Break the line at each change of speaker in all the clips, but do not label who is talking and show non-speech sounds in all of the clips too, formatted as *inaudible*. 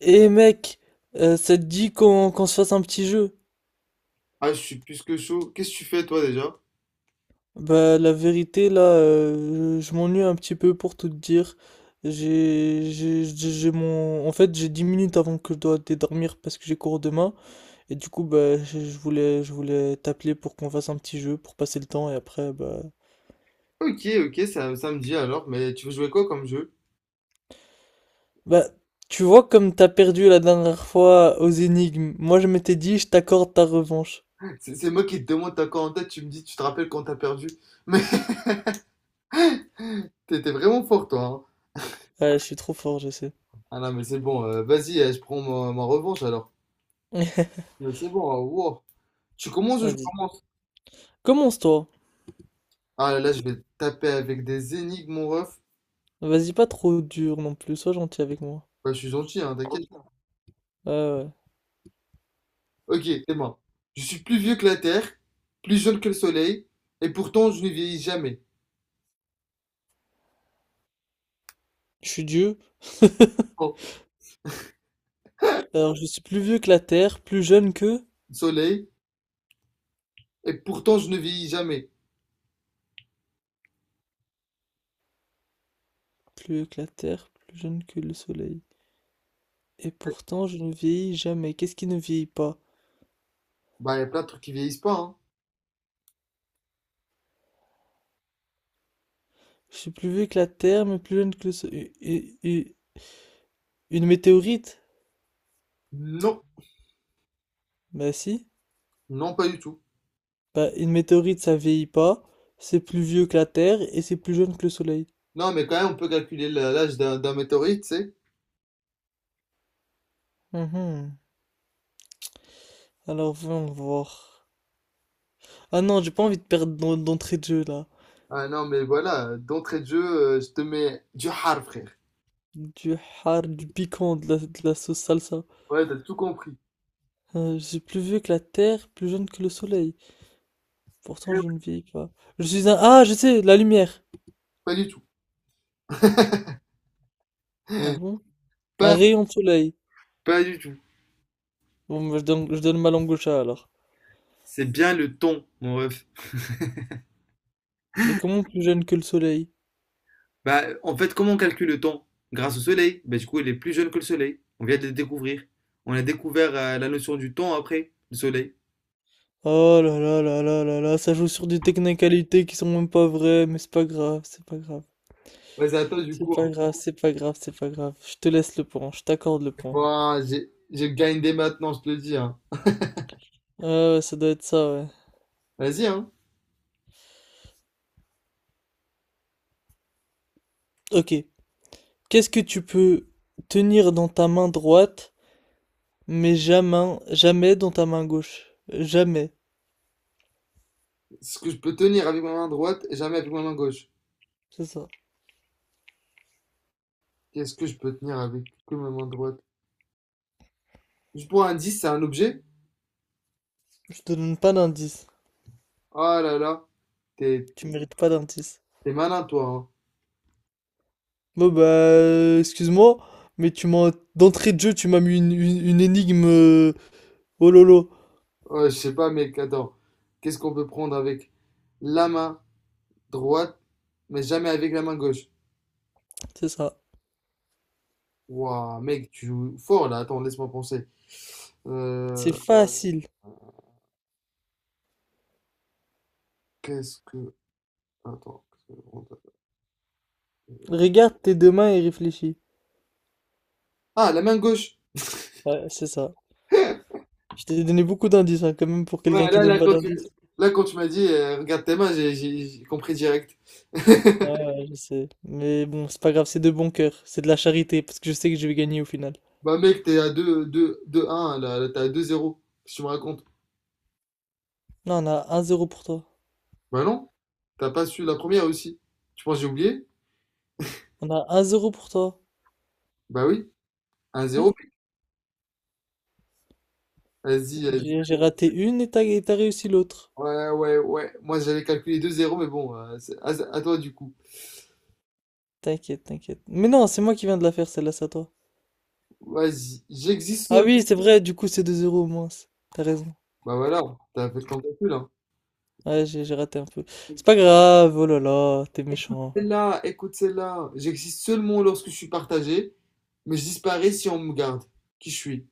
Eh mec, ça te dit qu'on se fasse un petit jeu?
Ah, je suis plus que chaud. Qu'est-ce que tu fais toi déjà?
Bah la vérité là, je m'ennuie un petit peu pour tout te dire. J'ai mon en fait j'ai 10 minutes avant que je dois aller dormir parce que j'ai cours demain et du coup bah je voulais je voulais t'appeler pour qu'on fasse un petit jeu pour passer le temps et après bah
Ok, ok, ça me dit alors, mais tu veux jouer quoi comme jeu?
bah tu vois comme t'as perdu la dernière fois aux énigmes. Moi je m'étais dit je t'accorde ta revanche.
C'est moi qui te demande ta en tête, tu me dis, tu te rappelles quand t'as perdu. Mais *laughs* t'étais vraiment fort toi, hein.
Ouais, je suis trop fort, je sais.
Ah non, mais c'est bon, vas-y, je prends ma revanche alors.
*laughs*
Mais c'est bon, wow. Tu commences ou je
Vas-y.
commence?
Commence-toi.
Ah là, là, je vais te taper avec des énigmes, mon ref.
Vas-y, pas trop dur non plus, sois gentil avec moi.
Bah, je suis gentil, hein, t'inquiète.
Ouais, ouais.
Ok, c'est bon. Je suis plus vieux que la Terre, plus jeune que le Soleil, et pourtant je ne vieillis jamais.
Je suis Dieu,
Oh,
alors je suis plus vieux que la terre, plus jeune que...
soleil, et pourtant je ne vieillis jamais.
Plus vieux que la terre, plus jeune que le soleil. Et pourtant, je ne vieillis jamais. Qu'est-ce qui ne vieillit pas?
Bah, il y a plein de trucs qui vieillissent pas, hein.
Je suis plus vieux que la terre, mais plus jeune que le soleil. Une météorite?
Non.
Bah si.
Non, pas du tout.
Bah, une météorite, ça vieillit pas. C'est plus vieux que la terre et c'est plus jeune que le soleil.
Non, mais quand même, on peut calculer la- l'âge d'un météorite, tu sais.
Mhm. Alors, voyons voir. Ah non, j'ai pas envie de perdre d'entrée de jeu, là.
Ah non, mais voilà, d'entrée de jeu, je te mets du hard, frère.
Du har, du piquant, de la sauce salsa.
Ouais, t'as tout compris.
Je suis plus vieux que la terre, plus jeune que le soleil. Pourtant, je ne vieillis pas. Je suis un... Ah, je sais, la lumière.
Pas du tout.
Ah
*laughs*
bon? Un
Pas,
rayon de soleil.
pas du tout.
Bon, bah, je donne ma langue au chat, alors.
C'est bien le temps, mon ref.
Mais comment plus jeune que le soleil?
Bah, en fait, comment on calcule le temps? Grâce au soleil. Bah, du coup, il est plus jeune que le soleil. On vient de le découvrir. On a découvert la notion du temps après le soleil.
Oh là là là là là là, ça joue sur des technicalités qui sont même pas vraies, mais c'est pas grave, c'est pas grave.
Vas-y, à toi, du coup,
C'est
hein.
pas grave, c'est pas grave, c'est pas grave. Je te laisse le point, je t'accorde le point.
Bon, j'ai grindé maintenant, je te le dis, hein.
Ah ouais, ça doit être ça, ouais.
Vas-y, hein.
Ok. Qu'est-ce que tu peux tenir dans ta main droite? Mais jamais, jamais dans ta main gauche. Jamais.
Ce que je peux tenir avec ma main droite et jamais avec ma main gauche.
C'est ça.
Qu'est-ce que je peux tenir avec que ma main droite? Je prends un 10, c'est un objet?
Je te donne pas d'indice.
Oh là là, t'es
Tu mérites pas d'indice.
t'es malin toi, hein.
Bon bah, excuse-moi, mais tu m'as, d'entrée de jeu, tu m'as mis une énigme. Oh lolo.
Oh, je sais pas mec, attends. Qu'est-ce qu'on peut prendre avec la main droite, mais jamais avec la main gauche?
C'est ça.
Waouh, mec, tu joues fort là. Attends, laisse-moi penser. Euh,
C'est facile.
qu'est-ce que... Attends, qu'est-ce que...
Regarde tes deux mains et réfléchis.
Ah, la main gauche!
Ouais, c'est ça. Je t'ai donné beaucoup d'indices, hein, quand même, pour quelqu'un
Ouais,
qui
là,
donne
là,
pas d'indices.
là, quand tu m'as dit, regarde tes mains, j'ai compris direct. *laughs*
Ouais, ouais, je sais. Mais bon, c'est pas grave, c'est de bon cœur. C'est de la charité, parce que je sais que je vais gagner au final.
Bah mec, t'es à deux deux deux un là, là, t'es à 2-0. Qu'est-ce que tu me racontes?
Là, on a un zéro pour toi.
Bah non, t'as pas su la première aussi. Tu penses que j'ai oublié?
On a un zéro pour toi.
Bah oui, un zéro.
Oui?
Vas-y, vas-y.
J'ai raté une et t'as réussi l'autre.
Ouais, ouais, ouais. Moi j'avais calculé deux zéro mais bon, c'est à toi du coup.
T'inquiète, t'inquiète. Mais non, c'est moi qui viens de la faire, celle-là, c'est à toi.
Vas-y, j'existe
Ah
seulement.
oui, c'est vrai, du coup, c'est deux 0 au moins. T'as raison.
Bah voilà, t'as fait ton calcul, hein.
Ouais, j'ai raté un peu. C'est pas grave, oh là là, t'es méchant.
Celle-là, écoute celle-là. J'existe seulement lorsque je suis partagé, mais je disparais si on me garde. Qui je suis?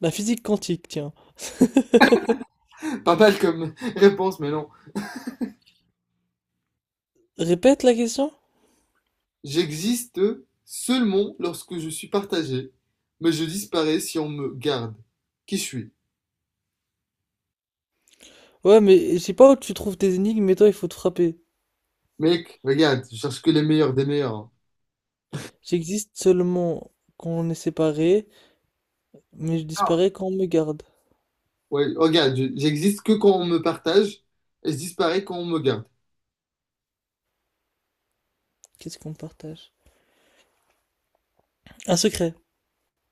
La physique quantique, tiens.
*laughs* Pas mal comme *laughs* réponse, mais non.
*laughs* Répète la question?
J'existe seulement lorsque je suis partagé, mais je disparais si on me garde. Qui je suis?
Ouais, mais je sais pas où tu trouves tes énigmes, mais toi, il faut te frapper.
Mec, regarde, je cherche que les meilleurs des meilleurs.
J'existe seulement quand on est séparés, mais je
Ah.
disparais quand on me garde.
Ouais, regarde, j'existe que quand on me partage et je disparais quand on me garde.
Qu'est-ce qu'on partage? Un secret.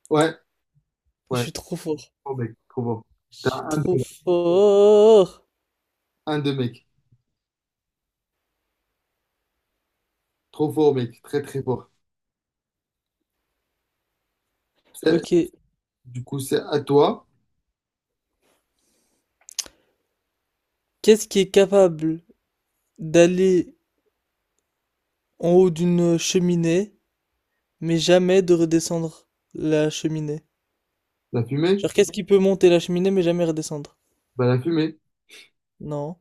Ouais,
Je
ouais.
suis trop fort.
Oh mec, trop fort.
Je
T'as
suis
un
trop
de,
fort.
un de mec. Trop fort, mec. Très, très fort. C'est-
Ok.
Du coup, c'est à toi.
Qu'est-ce qui est capable d'aller en haut d'une cheminée, mais jamais de redescendre la cheminée?
La fumée?
Genre, qu'est-ce qui peut monter la cheminée, mais jamais redescendre?
Bah, la fumée.
Non.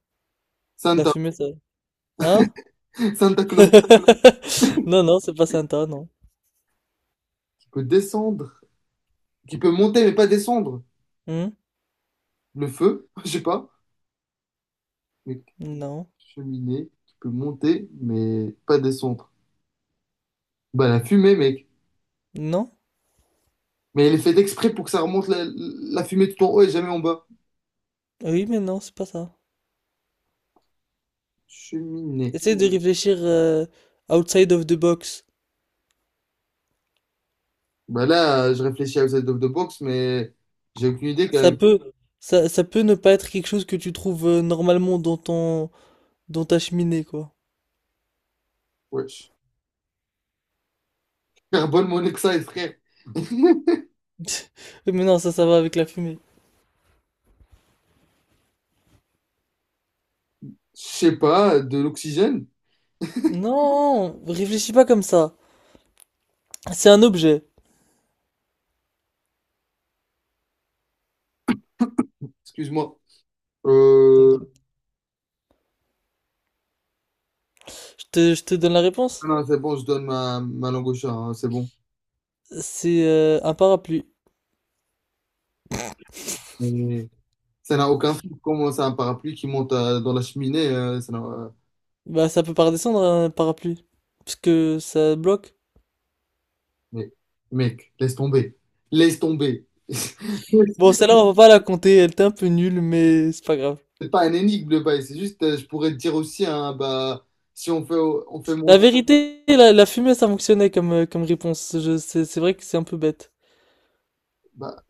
La
Santa.
fumée, ça. Hein?
Santa Claus
*laughs* Non, non, c'est pas Santa, non.
qui peut descendre, qui peut monter mais pas descendre.
Hmm.
Le feu? *laughs* Je sais pas.
Non.
Cheminée qui peut monter, mais pas descendre. Bah, la fumée, mec.
Non?
Mais elle est faite exprès pour que ça remonte la fumée tout en haut et jamais en bas.
Oui, mais non, c'est pas ça.
Cheminée.
Essaye de réfléchir outside of the box.
Bah là, je réfléchis à outside of the box, mais j'ai aucune idée quand
Ça
même.
peut, ça peut ne pas être quelque chose que tu trouves normalement dans ta cheminée, quoi.
Wesh. Carbone monoxyde, frère.
*laughs* Mais non, ça va avec la fumée.
Je sais pas, de l'oxygène?
Non, réfléchis pas comme ça. C'est un objet.
Excuse-moi. Euh...
Je te donne la réponse.
Non, c'est bon, je donne ma langue au chat, hein, c'est bon.
C'est un parapluie.
Mais ça n'a aucun sens. Comment c'est un parapluie qui monte dans la cheminée? Ça n'a-
Bah, ça peut pas redescendre un parapluie. Parce que ça bloque.
Mais, mec, laisse tomber. Laisse tomber. *laughs*
Bon, celle-là, on va pas la compter. Elle était un peu nulle, mais c'est pas grave.
C'est pas un énigme le bail, c'est juste, je pourrais te dire aussi, hein, bah, si on fait, on fait
La
mon
vérité, la fumée, ça fonctionnait comme réponse. C'est vrai que c'est un peu bête.
bah,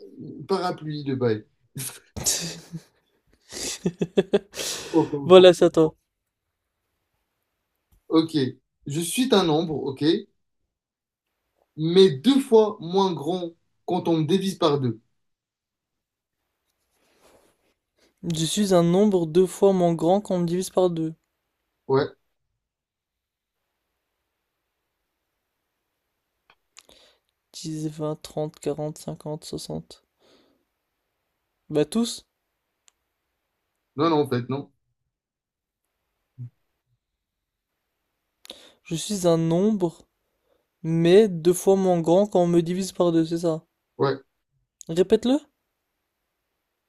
parapluie le bail. *laughs*
*laughs*
Oh, comme ça.
Voilà, c'est à toi.
Ok, je suis un nombre, ok, mais deux fois moins grand quand on me divise par deux.
Je suis un nombre deux fois moins grand quand on me divise par deux.
Ouais,
10, 20, 30, 40, 50, 60. Bah, tous.
non, non, en fait, non.
Je suis un nombre mais deux fois moins grand quand on me divise par deux, c'est ça.
Ouais,
Répète-le.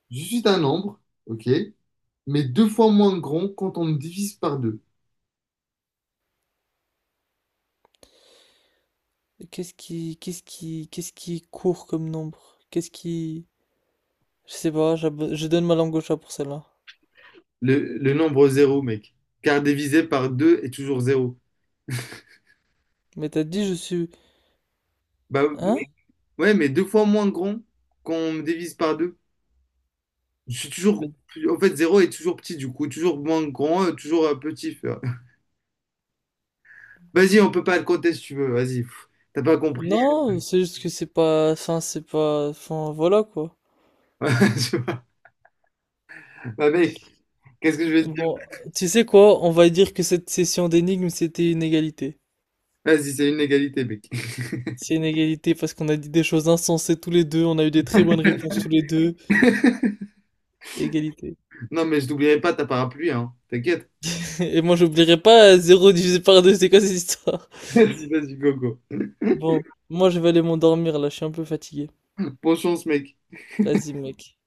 je suis un nombre, ok, mais deux fois moins grand quand on me divise par deux.
Qu'est-ce qui court comme nombre? Je sais pas, je donne ma langue au chat pour celle-là.
Le nombre zéro, mec. Car divisé par deux est toujours zéro.
Mais t'as dit je suis,
Bah,
hein?
ouais, mais deux fois moins grand qu'on me divise par deux. Je suis toujours
Mais-
plus- En fait, zéro est toujours petit, du coup. Toujours moins grand, toujours petit, frère. *laughs* Vas-y, on peut pas le compter si tu veux. Vas-y. Pff, t'as pas compris.
Non, c'est juste que c'est pas, enfin voilà quoi.
*laughs* Tu vois. Bah, mec, qu'est-ce que je vais te dire?
Bon, tu sais quoi? On va dire que cette session d'énigmes c'était une égalité.
Vas-y, c'est une égalité, mec. *laughs*
C'est une égalité parce qu'on a dit des choses insensées tous les deux, on a eu des très bonnes réponses tous les deux. Égalité.
Non, mais je t'oublierai pas ta parapluie, hein. T'inquiète.
*laughs* Et moi j'oublierai pas zéro divisé par 2. C'est quoi cette histoire?
*laughs* Vas-y, vas-y, gogo.
Bon, moi je vais aller m'endormir là, je suis un peu fatigué.
Bonne chance, mec.
Vas-y mec.